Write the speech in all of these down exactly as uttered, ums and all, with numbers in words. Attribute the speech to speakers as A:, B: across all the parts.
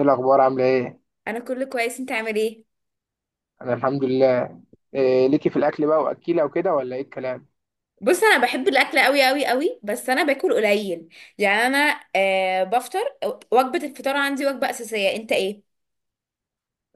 A: ايه الاخبار؟ عامله ايه؟
B: انا كله كويس. انت عامل ايه؟
A: انا الحمد لله. إيه ليكي في الاكل بقى واكيله وكده، ولا ايه الكلام؟
B: بص، انا بحب الاكل قوي قوي قوي بس انا باكل قليل. يعني انا آه بفطر. وجبه الفطار عندي وجبه اساسيه. انت ايه؟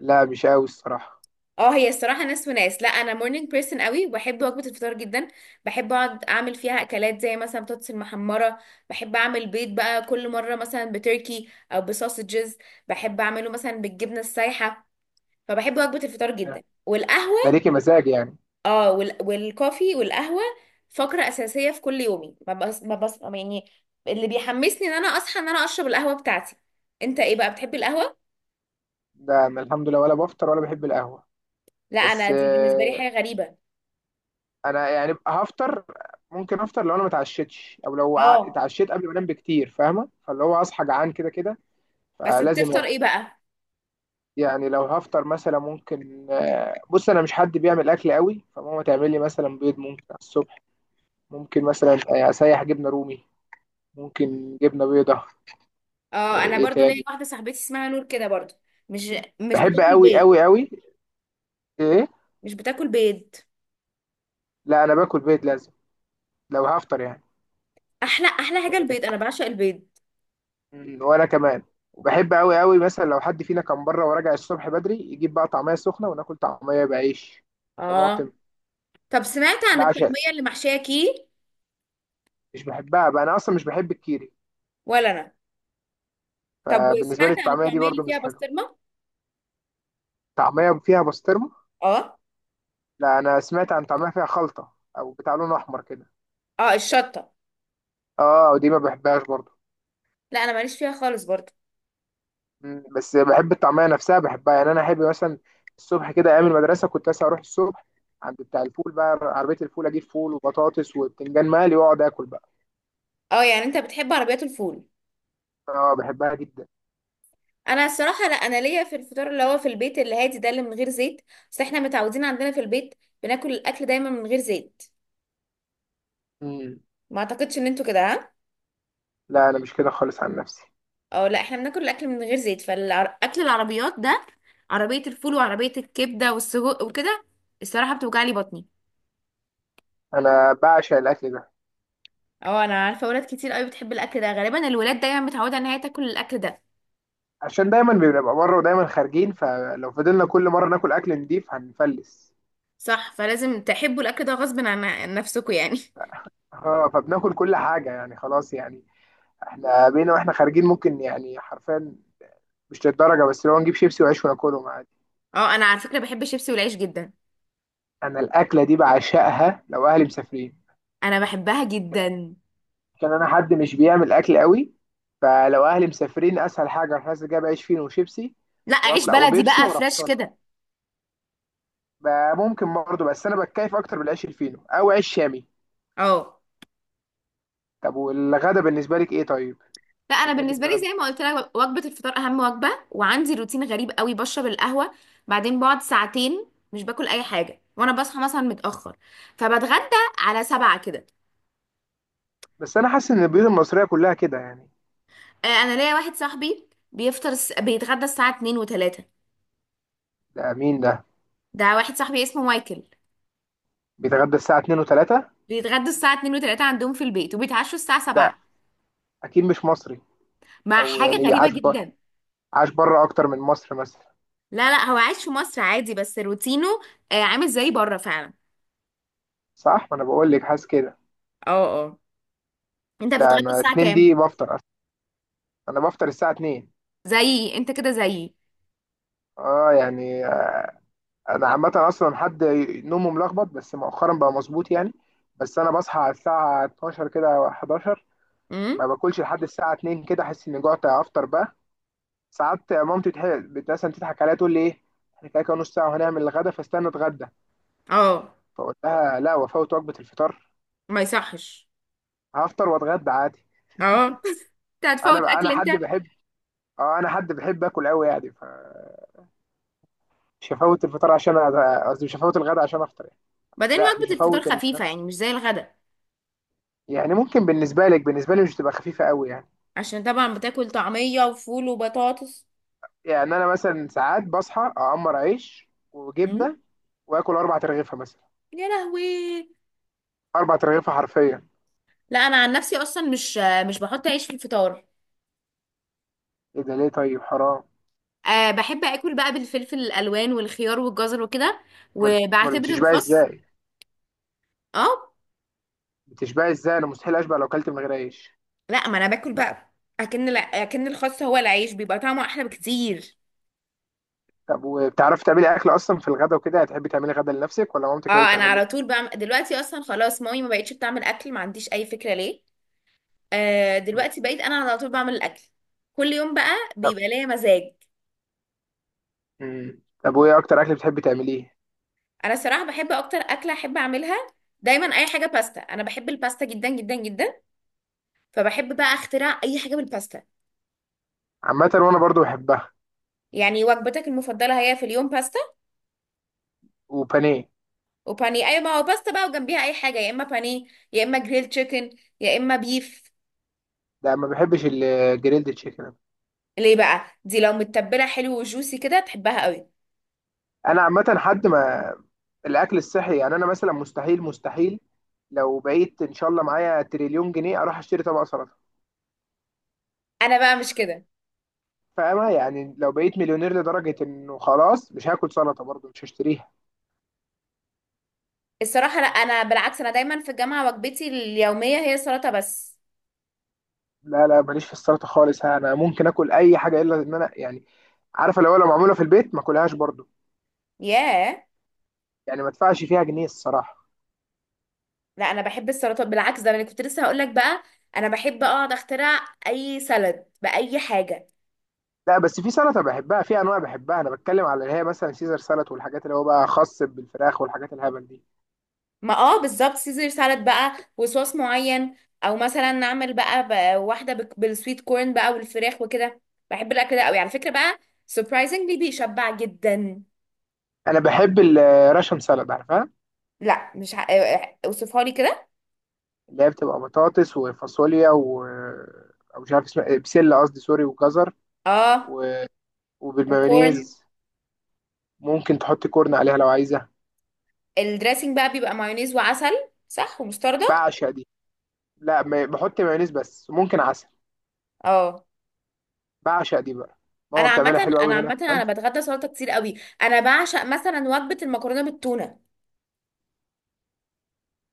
A: لا مش قوي الصراحه.
B: اه، هي الصراحه ناس وناس. لا انا مورنينج بيرسون قوي وبحب وجبه الفطار جدا. بحب اقعد اعمل فيها اكلات زي مثلا بطاطس المحمره. بحب اعمل بيض بقى كل مره، مثلا بتركي او بسوسجز. بحب اعمله مثلا بالجبنه السايحه. فبحب وجبه الفطار جدا
A: ده
B: والقهوه.
A: ليكي مزاج يعني.
B: اه وال... والكوفي والقهوة فقرة أساسية في كل يومي. ما بس... ما بس... يعني اللي بيحمسني ان انا اصحى ان انا اشرب القهوة بتاعتي. انت ايه بقى، بتحب القهوة؟
A: ده انا الحمد لله ولا بفطر ولا بحب القهوه.
B: لا، انا
A: بس
B: دي بالنسبة لي حاجة
A: إيه،
B: غريبة.
A: انا يعني هفطر. ممكن افطر لو انا ما اتعشتش او لو ع-
B: اه.
A: اتعشيت قبل ما انام بكتير، فاهمه؟ فاللي هو اصحى جعان كده كده،
B: بس
A: فلازم
B: بتفطر
A: اكل.
B: ايه بقى؟
A: يعني لو هفطر مثلا ممكن آه، بص، انا مش حد بيعمل اكل قوي، فماما تعمل لي مثلا بيض ممكن على الصبح. ممكن مثلا آه، اسيح جبنه رومي، ممكن جبنه بيضه.
B: اه
A: ايه
B: انا
A: إيه
B: برضو ليا
A: تاني؟
B: واحدة صاحبتي اسمها نور كده برضو. مش مش
A: بحب
B: بتاكل
A: قوي
B: بيض.
A: قوي قوي. ايه؟
B: مش بتاكل بيض.
A: لا انا باكل بيض لازم، لو هفطر يعني.
B: احلى احلى حاجة
A: إيه.
B: البيض، انا بعشق البيض.
A: مم، وانا كمان. وبحب قوي قوي مثلا لو حد فينا كان بره وراجع الصبح بدري، يجيب بقى طعميه سخنه وناكل طعميه بعيش، طماطم.
B: اه. طب سمعت عن
A: بعشق.
B: الطعمية اللي محشية كي؟
A: مش بحبها بقى، انا اصلا مش بحب الكيري.
B: ولا انا. طب
A: فبالنسبه لي
B: وسمعت عن
A: الطعميه دي
B: الطعمية اللي
A: برضو
B: فيها
A: مش حلوه.
B: بسطرمة؟
A: طعميه فيها بسطرمه؟
B: اه.
A: لا انا سمعت عن طعميه فيها خلطه، او بتاع لون احمر كده.
B: اه الشطة.
A: اه ودي ما بحبهاش برضو.
B: لا انا ماليش فيها خالص برضو.
A: مم. بس بحب الطعميه نفسها، بحبها يعني. انا احب مثلا الصبح كده ايام المدرسه كنت مثلا اروح الصبح عند بتاع الفول بقى، عربيه الفول، اجيب فول وبطاطس وبتنجان مقلي واقعد اكل بقى.
B: اه يعني انت بتحب عربيات الفول.
A: اه بحبها جدا.
B: انا الصراحه لا، انا ليا في الفطار اللي هو في البيت اللي هادي ده، اللي من غير زيت. بس احنا متعودين عندنا في البيت بناكل الاكل دايما من غير زيت.
A: مم.
B: ما اعتقدش ان انتوا كده، ها؟
A: لا انا مش كده خالص عن نفسي.
B: اه لا احنا بناكل الاكل من غير زيت. فالاكل العربيات ده، عربيه الفول وعربيه الكبده والسجق وكده، الصراحه بتوجع لي بطني.
A: انا بعشق الاكل ده،
B: اه انا عارفه ولاد كتير قوي بتحب الاكل ده. غالبا الولاد دايما متعوده ان هي تاكل الاكل ده.
A: عشان دايما بنبقى بره ودايما خارجين، فلو فضلنا كل مره ناكل اكل نضيف هنفلس.
B: صح، فلازم تحبوا الاكل ده غصب عن عن نفسكم يعني.
A: اه فبناكل كل حاجه يعني خلاص يعني. احنا بينا واحنا خارجين ممكن يعني حرفيا، مش للدرجه، بس لو نجيب شيبسي وعيش وناكلهم عادي.
B: اه انا على فكره بحب الشيبسي والعيش جدا.
A: انا الاكله دي بعشقها لو اهلي مسافرين.
B: انا بحبها جدا.
A: كان انا حد مش بيعمل اكل قوي، فلو اهلي مسافرين اسهل حاجه اروح نازل جايب عيش فينو وشيبسي
B: لا، عيش
A: واطلع
B: بلدي
A: وبيبسي
B: بقى
A: واروح
B: فريش
A: طالع.
B: كده.
A: ب- ممكن برضه، بس انا بتكيف اكتر بالعيش الفينو او عيش شامي.
B: اه.
A: طب والغدا بالنسبه لك ايه طيب؟
B: لا انا
A: بتحبي
B: بالنسبه لي
A: تتغدى؟
B: زي ما قلت لك، وجبه الفطار اهم وجبه، وعندي روتين غريب قوي. بشرب القهوه، بعدين بقعد ساعتين مش باكل اي حاجه، وانا بصحى مثلا متاخر، فبتغدى على سبعة كده.
A: بس انا حاسس ان البيوت المصريه كلها كده يعني.
B: آه، انا ليا واحد صاحبي بيفطر الس- بيتغدى الساعه اتنين و3.
A: ده مين ده
B: ده واحد صاحبي اسمه مايكل.
A: بيتغدى الساعه اتنين و3؟
B: بيتغدى الساعه اتنين و3 عندهم في البيت، وبيتعشوا الساعه
A: ده
B: سبعة.
A: اكيد مش مصري.
B: مع
A: او
B: حاجه
A: يعني
B: غريبه
A: بيعاش بره،
B: جدا.
A: عاش بره اكتر من مصر مثلا.
B: لا لا، هو عايش في مصر عادي بس روتينه آه، عامل زي بره فعلا.
A: صح، ما انا بقول لك حاسس كده.
B: اه اه. انت
A: لا
B: بتتغدى
A: انا
B: الساعة
A: اتنين
B: كام؟
A: دي بفطر. انا بفطر الساعه اتنين.
B: زيي، انت كده زيي.
A: اه يعني. انا عامه اصلا حد نومه ملخبط، بس مؤخرا بقى مظبوط يعني. بس انا بصحى على الساعه اتناشر كده أو حداشر. ما
B: امم.
A: باكلش لحد الساعه اتنين كده، احس اني جوعت افطر بقى. ساعات مامتي تح- بت- مثلا تضحك عليا تقول لي ايه، احنا كده كده نص ساعه وهنعمل الغدا فاستنى اتغدى.
B: اه.
A: فاقول لها لا، وافوت وجبه الفطار.
B: ما يصحش.
A: هفطر واتغدى عادي.
B: اه. انت هتفوت
A: انا
B: اكل
A: انا
B: انت.
A: حد بحب. اه انا حد بحب اكل قوي يعني، فمش هفوت الفطار عشان أ- قصدي مش هفوت الغدا عشان افطر يعني.
B: بعدين
A: لا مش
B: وجبة الفطار
A: هفوت الغدا.
B: خفيفة يعني، مش زي الغدا.
A: يعني ممكن بالنسبة لك، بالنسبة لي مش تبقى خفيفة قوي يعني.
B: عشان طبعا بتاكل طعمية وفول وبطاطس.
A: يعني أنا مثلا ساعات بصحى أعمر عيش
B: امم.
A: وجبنة وآكل أربع ترغيفة مثلا.
B: يا لهوي.
A: أربع ترغيفة حرفيا.
B: لا انا عن نفسي اصلا مش مش بحط عيش في الفطار.
A: إيه ده، ليه طيب؟ حرام.
B: أه بحب اكل بقى بالفلفل الالوان والخيار والجزر وكده،
A: أمال؟ أمال
B: وبعتبر
A: بتشبعي
B: الخس.
A: إزاي؟
B: اه.
A: بتشبعي إزاي؟ أنا مستحيل أشبع لو أكلت من غير عيش.
B: لا ما انا باكل بقى، اكن اكن الخس هو العيش، بيبقى طعمه احلى بكتير.
A: طب وبتعرفي تعملي أكل أصلا في الغدا وكده؟ هتحبي تعملي غدا لنفسك ولا مامتك هي اللي
B: اه انا
A: تعمل
B: على
A: لك؟
B: طول بعمل دلوقتي. اصلا خلاص مامي ما بقتش بتعمل اكل، ما عنديش اي فكره ليه. آه
A: مم.
B: دلوقتي بقيت انا على طول بعمل الاكل كل يوم بقى،
A: طب.
B: بيبقى ليا مزاج.
A: مم. طب وإيه أكتر أكل بتحبي تعمليه؟
B: انا صراحه بحب اكتر اكله احب اعملها دايما اي حاجه باستا. انا بحب الباستا جدا جدا جدا. فبحب بقى اخترع اي حاجه بالباستا.
A: عامة وأنا برضو بحبها.
B: يعني وجبتك المفضله هي في اليوم باستا
A: وبانيه.
B: وبانيه. اي، ما هو باستا بقى، وجنبيها اي حاجه، يا اما بانيه، يا اما جريل تشيكن، يا اما بيف.
A: ده ما بحبش الجريلد تشيكن.
B: ليه بقى؟ دي لو متبله حلو وجوسي كده تحبها قوي.
A: أنا عامة حد ما الاكل الصحي يعني. انا مثلا مستحيل مستحيل لو بقيت ان شاء الله معايا تريليون جنيه اروح اشتري طبق سلطه.
B: انا بقى مش كده.
A: فاهمة يعني؟ لو بقيت مليونير لدرجة انه خلاص، مش هاكل سلطة برضه، مش هشتريها.
B: الصراحة لا، أنا بالعكس، أنا دايما في الجامعة وجبتي اليومية هي سلطة بس.
A: لا لا، ماليش في السلطة خالص. انا ممكن اكل اي حاجة الا ان انا يعني، عارفة، لو لو معمولة في البيت ما اكلهاش برضه.
B: ياه.
A: يعني ما ادفعش فيها جنيه الصراحة.
B: لا أنا بحب السلطة بالعكس، ده أنا كنت لسه هقولك بقى. أنا بحب أقعد أخترع أي سلد بأي حاجة.
A: لا بس في سلطة بحبها، في انواع بحبها، انا بتكلم على اللي هي مثلا سيزر سلطة والحاجات اللي هو بقى خاص بالفراخ والحاجات الهبل دي.
B: ما اه بالظبط، سيزر سالاد بقى وصوص معين، أو مثلا نعمل بقى, بقى واحدة بك- بالسويت كورن بقى والفراخ وكده. بحب الأكل ده أوي على فكرة بقى. سربرايزنجلي بيشبع جدا.
A: انا بحب الراشن سلطة، عارفها؟
B: لا مش ه... اوصفها لي كده.
A: اللي هي بتبقى بطاطس وفاصوليا و او مش عارف اسمها إيه، بسله قصدي سوري، وجزر
B: اه.
A: و
B: وكورن.
A: وبالمايونيز. ممكن تحط كورن عليها لو عايزه.
B: الدريسنج بقى بيبقى مايونيز وعسل. صح، ومستردة.
A: بعشق دي. لا ما- بحط مايونيز بس ممكن عسل.
B: اه
A: بعشق دي بقى.
B: انا
A: ماما بتعملها
B: عامه
A: حلوه
B: انا
A: قوي هنا
B: عامه
A: كمان.
B: انا بتغدى سلطه كتير قوي. انا بعشق مثلا وجبه المكرونه بالتونه.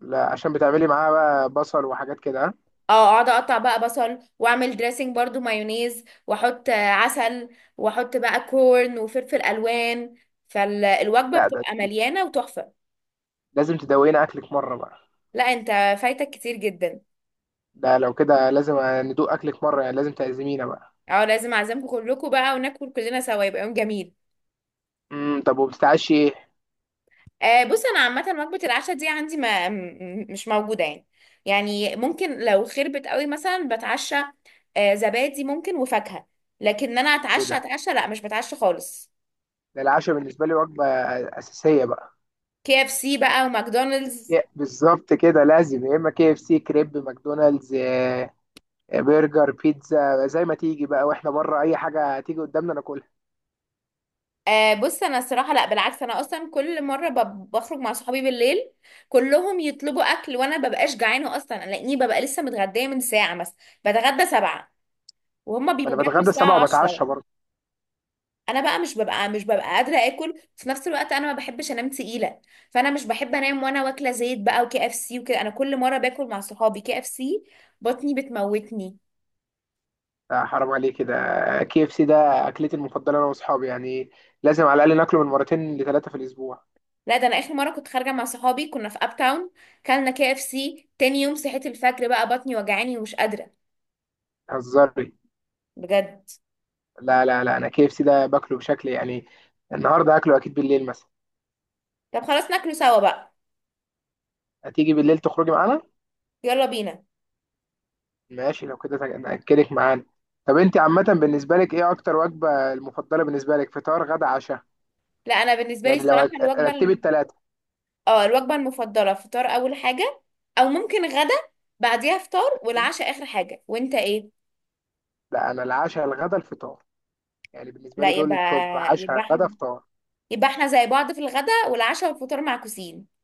A: لا عشان بتعملي معاها بقى بصل وحاجات كده، ها؟
B: اه اقعد اقطع بقى بصل، واعمل دريسنج برضو مايونيز، واحط آه، عسل، واحط بقى كورن وفلفل الوان، فالوجبه
A: لا ده
B: بتبقى
A: دي.
B: مليانه وتحفه.
A: لازم تدوقينا اكلك مره بقى.
B: لا انت، فايتك كتير جدا.
A: ده لو كده لازم ندوق اكلك مره، يعني لازم تعزمينا بقى.
B: اه لازم اعزمكم كلكم بقى وناكل كلنا سوا، يبقى يوم جميل.
A: امم، طب وبتتعشي ايه؟
B: آه بص انا عامه وجبه العشاء دي عندي ما م- مش موجوده يعني. يعني ممكن لو خربت قوي مثلا بتعشى آه زبادي ممكن وفاكهه. لكن انا
A: ايه
B: اتعشى
A: ده؟
B: اتعشى، لا مش بتعشى خالص.
A: ده العشاء بالنسبه لي وجبه اساسيه بقى.
B: كي اف سي بقى وماكدونالدز.
A: يا- بالظبط كده، لازم يا اما كي اف سي كريب ماكدونالدز آه، آه، برجر بيتزا زي ما تيجي بقى، واحنا بره اي حاجه تيجي قدامنا ناكلها.
B: آه بص انا الصراحه لا بالعكس، انا اصلا كل مره ب- بخرج مع صحابي بالليل، كلهم يطلبوا اكل وانا ببقاش جعانه اصلا لاني ببقى لسه متغديه من ساعه، مثلا بتغدى سبعة وهم
A: ما
B: بيبقوا
A: انا
B: بياكلوا
A: بتغدى السبعة
B: الساعه
A: وبتعشى
B: عشرة.
A: برضه.
B: انا بقى مش ببقى مش ببقى قادره اكل في نفس الوقت. انا ما بحبش انام تقيله، فانا مش بحب انام وانا واكله زيت بقى وكي اف سي وكده. انا كل مره باكل مع صحابي كي اف سي بطني بتموتني.
A: آه، حرام عليك كده. كي اف سي ده اكلتي المفضله انا واصحابي يعني. لازم على الاقل ناكله من مرتين لثلاثه في الاسبوع.
B: لا ده انا اخر مره كنت خارجه مع صحابي كنا في اب تاون، كلنا كي اف سي. تاني يوم صحيت الفجر بقى بطني وجعاني ومش قادره.
A: هزاري؟
B: بجد.
A: لا لا لا، انا كي اف سي ده باكله بشكل يعني. النهارده هاكله اكيد بالليل مثلا.
B: طب خلاص ناكله سوا بقى.
A: هتيجي بالليل تخرجي معانا؟
B: يلا بينا.
A: ماشي لو كده، تج- ناكلك معانا. طب انت عامه بالنسبه لك ايه اكتر وجبه المفضله بالنسبه لك، فطار غدا عشاء؟
B: لا انا بالنسبه لي
A: يعني لو
B: الصراحه
A: هت-
B: الوجبه
A: رتبت
B: الم...
A: ثلاثة.
B: اه الوجبه المفضله فطار اول حاجه، او ممكن غدا بعديها فطار، والعشاء اخر حاجه. وانت ايه؟
A: لا أنا العشاء الغدا الفطار. يعني بالنسبة
B: لا
A: لي دول
B: يبقى،
A: التوب،
B: يبقى
A: عشاء غدا
B: احنا
A: فطار.
B: يبقى احنا زي بعض في الغداء والعشاء والفطار معكوسين.